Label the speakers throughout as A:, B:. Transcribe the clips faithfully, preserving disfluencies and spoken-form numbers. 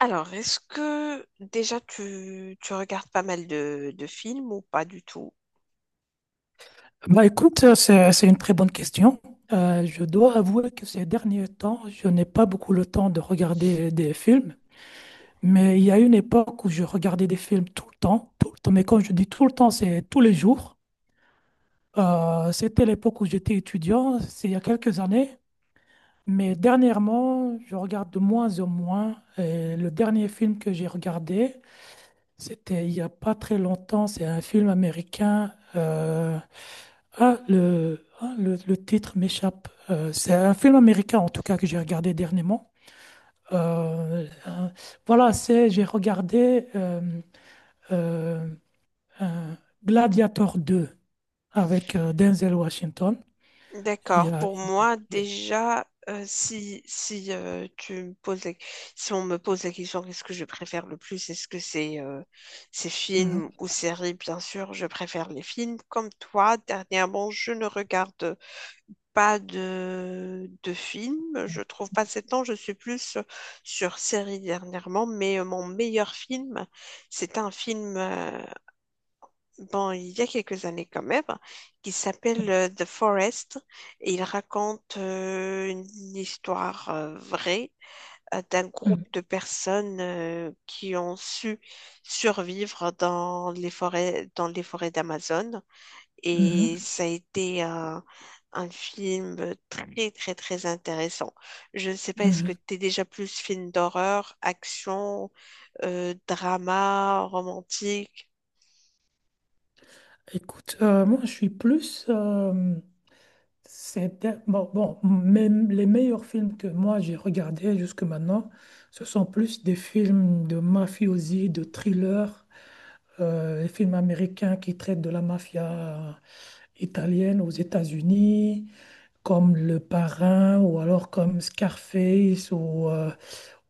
A: Alors, est-ce que déjà tu, tu regardes pas mal de, de films ou pas du tout?
B: Bah écoute, euh, c'est, c'est une très bonne question. Euh, je dois avouer que ces derniers temps, je n'ai pas beaucoup le temps de regarder des films, mais il y a une époque où je regardais des films tout le temps, tout le temps, mais quand je dis tout le temps, c'est tous les jours. Euh, c'était l'époque où j'étais étudiant, c'est il y a quelques années, mais dernièrement, je regarde de moins en moins. Et le dernier film que j'ai regardé, c'était il n'y a pas très longtemps, c'est un film américain. euh, Ah, le, ah, le, le titre m'échappe. Euh, c'est un film américain, en tout cas, que j'ai regardé dernièrement. Euh, euh, voilà, c'est, j'ai regardé euh, euh, euh, Gladiator deux avec euh, Denzel Washington. Il y
A: D'accord,
B: a-
A: pour
B: il
A: moi
B: y a-
A: déjà, euh, si, si, euh, tu me poses la- si on me pose la question qu'est-ce que je préfère le plus, est-ce que c'est euh, c'est films
B: Mhm.
A: ou séries? Bien sûr, je préfère les films. Comme toi, dernièrement, je ne regarde pas de, de films. Je trouve pas assez de temps. Je suis plus sur séries dernièrement, mais euh, mon meilleur film, c'est un film. euh, bon, il y a quelques années quand même, qui s'appelle euh, The Forest. Et il raconte euh, une histoire euh, vraie euh, d'un
B: Mhm.
A: groupe de personnes euh, qui ont su survivre dans les forêts, dans les forêts d'Amazon. Et
B: Mhm.
A: ça a été euh, un film très, très, très intéressant. Je ne sais pas, est-ce que
B: Mhm.
A: tu es déjà plus film d'horreur, action, euh, drama, romantique?
B: Écoute, euh, moi, je suis plus. euh, C'était bon, bon, même les meilleurs films que moi j'ai regardés jusque maintenant, ce sont plus des films de mafiosi, de thriller, euh, les films américains qui traitent de la mafia italienne aux États-Unis, comme Le Parrain ou alors comme Scarface ou, euh,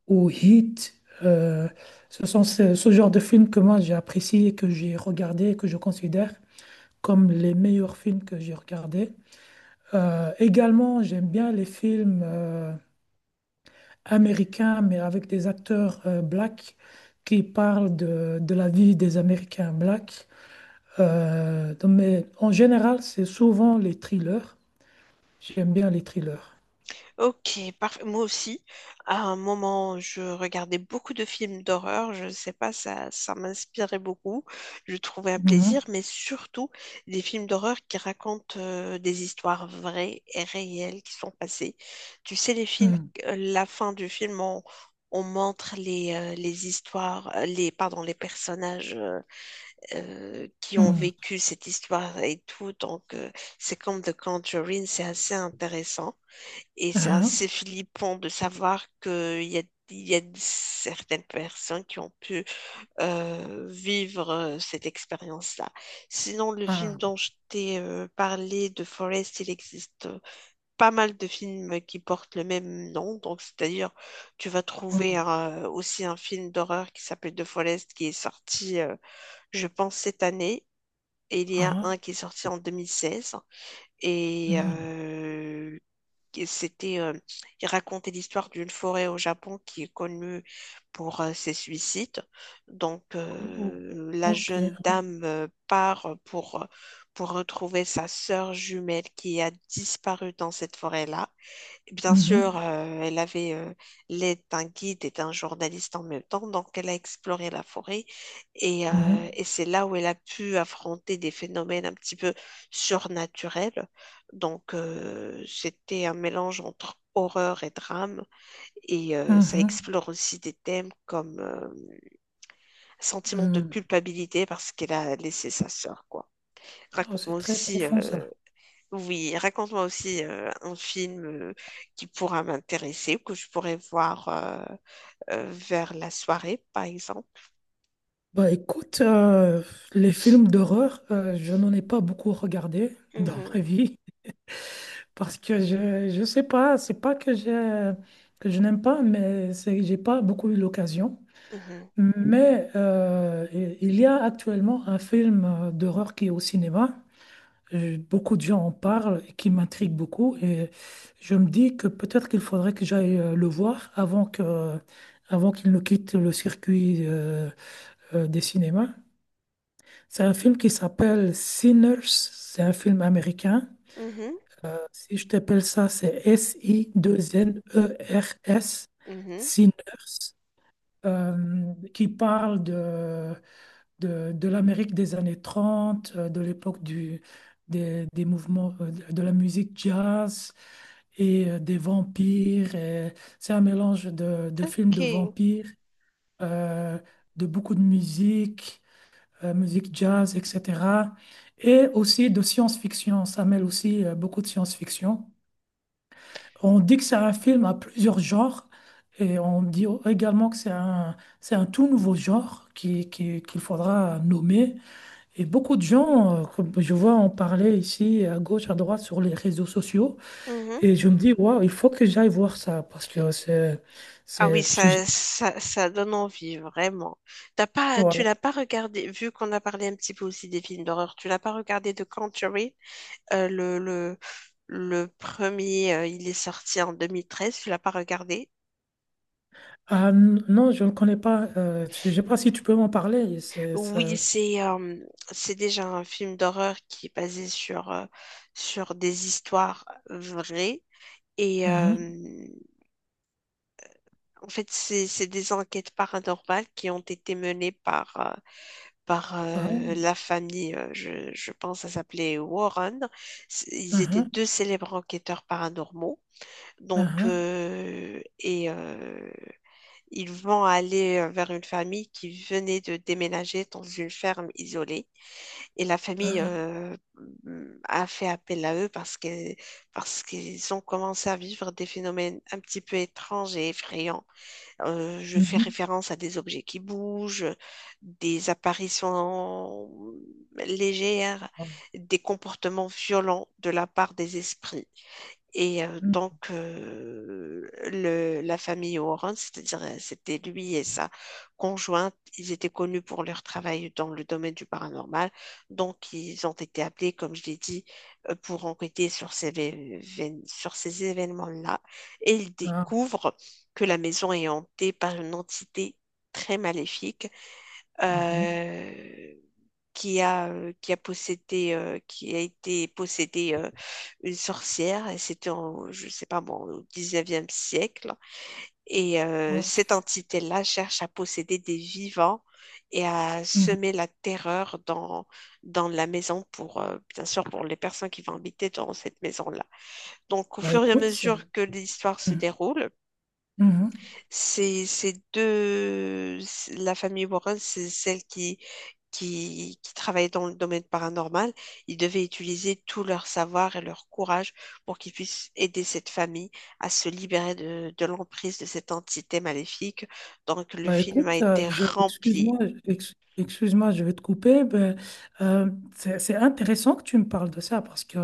B: ou Heat. Euh, Ce sont ce, ce genre de films que moi j'ai apprécié et que j'ai regardé et que je considère comme les meilleurs films que j'ai regardés. Euh, également, j'aime bien les films euh, américains, mais avec des acteurs euh, blacks qui parlent de, de la vie des Américains blacks. Euh, donc, mais en général, c'est souvent les thrillers. J'aime bien les thrillers.
A: Ok, parfait. Moi aussi, à un moment, je regardais beaucoup de films d'horreur. Je ne sais pas, ça, ça m'inspirait beaucoup. Je trouvais un
B: Mhm,
A: plaisir, mais surtout des films d'horreur qui racontent euh, des histoires vraies et réelles qui sont passées. Tu sais, les films,
B: mhm,
A: euh, la fin du film, on, on montre les, euh, les histoires, euh, les, pardon, les personnages euh, euh, qui ont
B: mhm.
A: vécu cette histoire et tout. Donc, euh, c'est comme The Conjuring, c'est assez intéressant. Et c'est
B: Ah,
A: assez flippant de savoir qu'il y a, il y a certaines personnes qui ont pu euh, vivre euh, cette expérience-là. Sinon, le film
B: ah,
A: dont je t'ai euh, parlé, de Forest, il existe euh, pas mal de films qui portent le même nom. Donc, c'est-à-dire, tu vas
B: mhm,
A: trouver euh, aussi un film d'horreur qui s'appelle The Forest qui est sorti, euh, je pense, cette année. Et il y a
B: ah,
A: un qui est sorti en deux mille seize. Et
B: mhm.
A: euh, qui- C'était, euh, il racontait l'histoire d'une forêt au Japon qui est connue pour euh, ses suicides. Donc,
B: Oh,
A: euh, la
B: ok.
A: jeune dame euh, part pour, pour retrouver sa sœur jumelle qui a disparu dans cette forêt-là. Bien sûr,
B: Mhm,
A: euh, elle avait euh, l'aide d'un guide et d'un journaliste en même temps, donc elle a exploré la forêt et, euh,
B: mhm,
A: et c'est là où elle a pu affronter des phénomènes un petit peu surnaturels. Donc euh, c'était un mélange entre horreur et drame et euh, ça
B: mhm,
A: explore aussi des thèmes comme euh, sentiment de
B: mhm.
A: culpabilité parce qu'elle a laissé sa sœur, quoi.
B: Oh,
A: Raconte-moi
B: c'est très
A: aussi
B: profond
A: euh,
B: ça.
A: Oui, raconte-moi aussi euh, un film euh, qui pourra m'intéresser ou que je pourrais voir euh, euh, vers la soirée, par exemple.
B: Bah écoute, euh, les films d'horreur, euh, je n'en ai pas beaucoup regardé dans ma
A: Mhm,
B: vie parce que je je sais pas, c'est pas que je que je n'aime pas, mais c'est que j'ai pas beaucoup eu l'occasion.
A: mhm,
B: Mais euh, i- il y a actuellement un film euh, d'horreur qui est au cinéma. Euh, Beaucoup de gens en parlent et qui m'intrigue beaucoup et je me dis que peut-être qu'il faudrait que j'aille euh, le voir avant que avant qu'il ne quitte le circuit euh, euh, des cinémas. C'est un film qui s'appelle Sinners. C'est un film américain.
A: mhm,
B: Euh, si je t'appelle ça, c'est S I N E R S,
A: mhm.
B: Sinners, euh, qui parle de, de, de l'Amérique des années trente, euh, de l'époque du, des, des mouvements euh, de de la musique jazz et euh, des vampires. Et C'est un mélange de, de films
A: Ok.
B: de vampires, euh, de beaucoup de musique euh, musique jazz, et cetera. Et aussi de science-fiction. Ça mêle aussi euh, beaucoup de science-fiction. On dit que c'est un film à plusieurs genres et on dit également que c'est un, c'est un tout nouveau genre qui, qui- qu'il faudra nommer. Et beaucoup de gens, euh, comme je vois en parler ici à gauche, à droite sur les réseaux sociaux.
A: Mhm.
B: Et je me dis, waouh, il faut que j'aille voir ça parce que c'est...
A: Ah oui,
B: c'est
A: ça,
B: c'est-
A: ça, ça donne envie, vraiment. T'as pas, tu
B: voilà.
A: l'as pas regardé, vu qu'on a parlé un petit peu aussi des films d'horreur, tu l'as pas regardé The Conjuring, Euh, le, le, le premier, euh, il est sorti en deux mille treize, tu l'as pas regardé?
B: Ah, n- non, je ne le connais pas. Euh, je ne sais pas si tu peux m'en parler. C'est,
A: Oui,
B: ça...
A: c'est euh, c'est déjà un film d'horreur qui est basé sur, euh, sur des histoires vraies. Et
B: Mhm.
A: euh, en fait, c'est c'est des enquêtes paranormales qui ont été menées par, euh, par euh,
B: Ah,
A: la famille, euh, je, je pense, ça s'appelait Warren. C'est- Ils
B: ah,
A: étaient deux célèbres enquêteurs paranormaux. Donc,
B: ah,
A: euh, et euh, ils vont aller vers une famille qui venait de déménager dans une ferme isolée. Et la famille
B: ah,
A: euh, mm, a fait appel à eux parce que, parce qu'ils ont commencé à vivre des phénomènes un petit peu étranges et effrayants. Euh, je fais
B: mhm,
A: référence à des objets qui bougent, des apparitions légères,
B: ah,
A: des comportements violents de la part des esprits. Et euh,
B: mhm,
A: donc, euh, le- la famille Warren, c'est-à-dire euh, c'était lui et sa conjointe, ils étaient connus pour leur travail dans le domaine du paranormal. Donc, ils ont été appelés, comme je l'ai dit, euh, pour enquêter sur ces, vé- vén- sur ces événements-là. Et ils
B: ah,
A: découvrent que la maison est hantée par une entité très maléfique.
B: mhm,
A: Euh, qui a, euh, qui a possédé, euh, qui a été possédée euh, une sorcière, et c'était en, je sais pas moi, au dix-neuvième siècle. Et euh, cette
B: ok.
A: entité-là cherche à posséder des vivants et à
B: Mhm.
A: semer la terreur dans, dans la maison pour, euh, bien sûr, pour les personnes qui vont habiter dans cette maison-là. Donc, au
B: Bah
A: fur et à
B: écoute, c'est-
A: mesure que l'histoire se
B: mhm,
A: déroule,
B: mhm.
A: c'est, c'est deux, la famille Warren, c'est celle qui qui, qui travaillaient dans le domaine paranormal, ils devaient utiliser tout leur savoir et leur courage pour qu'ils puissent aider cette famille à se libérer de, de l'emprise de cette entité maléfique. Donc le
B: Bah,
A: film
B: écoute,
A: a
B: euh,
A: été
B: je
A: rempli.
B: excuse-moi, ex- excuse-moi, je vais te couper. Ben, euh, c'est c'est intéressant que tu me parles de ça parce que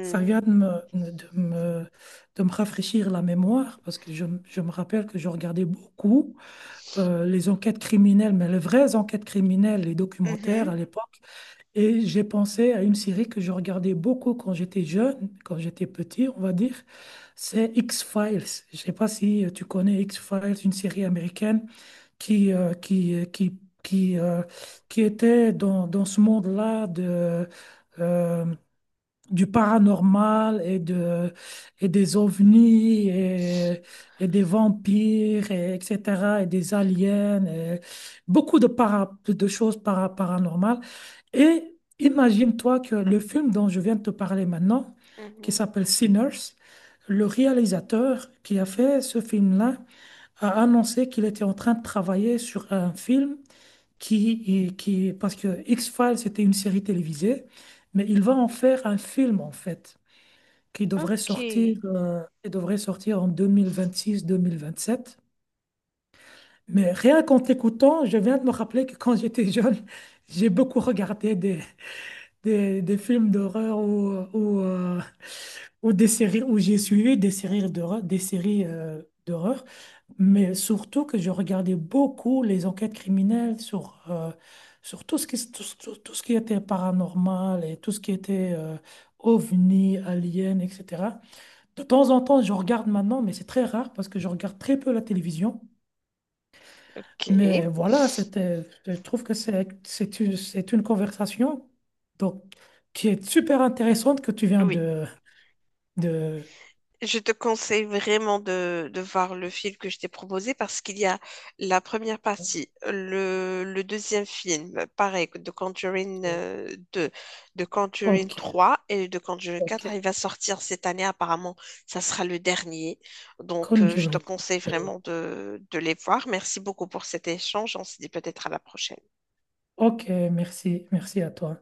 B: ça vient de me, de me, de me rafraîchir la mémoire parce que je, me- je me rappelle que je regardais beaucoup euh, les enquêtes criminelles, mais les vraies enquêtes criminelles, les documentaires
A: mhm,
B: à l'époque. Et j'ai pensé à une série que je regardais beaucoup quand j'étais jeune, quand j'étais petit, on va dire. C'est X-Files. Je sais pas si euh, tu connais X-Files, une série américaine qui, euh, qui, euh, qui, qui, euh, qui était dans, dans ce monde-là de, euh, du paranormal et, de, et des ovnis et, et des vampires, et, etc., et des aliens, et beaucoup de, para, de choses para- paranormales. Et imagine-toi que le film dont je viens de te parler maintenant, qui
A: mhm.
B: s'appelle Sinners, le réalisateur qui a fait ce film-là a annoncé qu'il était en train de travailler sur un film qui, qui, parce que X-Files c'était une série télévisée, mais il va en faire un film en fait, qui devrait
A: Ok.
B: sortir, euh, qui devrait sortir en deux mille vingt-six-deux mille vingt-sept. Mais rien qu'en t'écoutant, je viens de me rappeler que quand j'étais jeune, j'ai beaucoup regardé des, des films d'horreur ou, ou, euh, ou des séries où j'ai suivi des séries d'horreur, des séries euh, d'horreur, mais surtout que je regardais beaucoup les enquêtes criminelles sur, euh, sur tout ce qui, tout, ce tout- tout ce qui était paranormal et tout ce qui était euh, ovni, alien, et cetera. De temps en temps, je regarde maintenant, mais c'est très rare parce que je regarde très peu la télévision.
A: Ok.
B: Mais voilà, c'était, je trouve que c'est, c'est une, c'est une conversation donc, qui est super intéressante que tu viens
A: Oui.
B: de, de...
A: Je te conseille vraiment de, de voir le film que je t'ai proposé parce qu'il y a la première partie, le, le deuxième film, pareil, de Conjuring euh, deux, de Conjuring
B: Ok,
A: trois et de Conjuring quatre. Il
B: ok.
A: va sortir cette année, apparemment, ça sera le dernier. Donc, euh, je te
B: Conjuring.
A: conseille
B: Ok,
A: vraiment de, de les voir. Merci beaucoup pour cet échange. On se dit peut-être à la prochaine.
B: Ok, merci, merci à toi.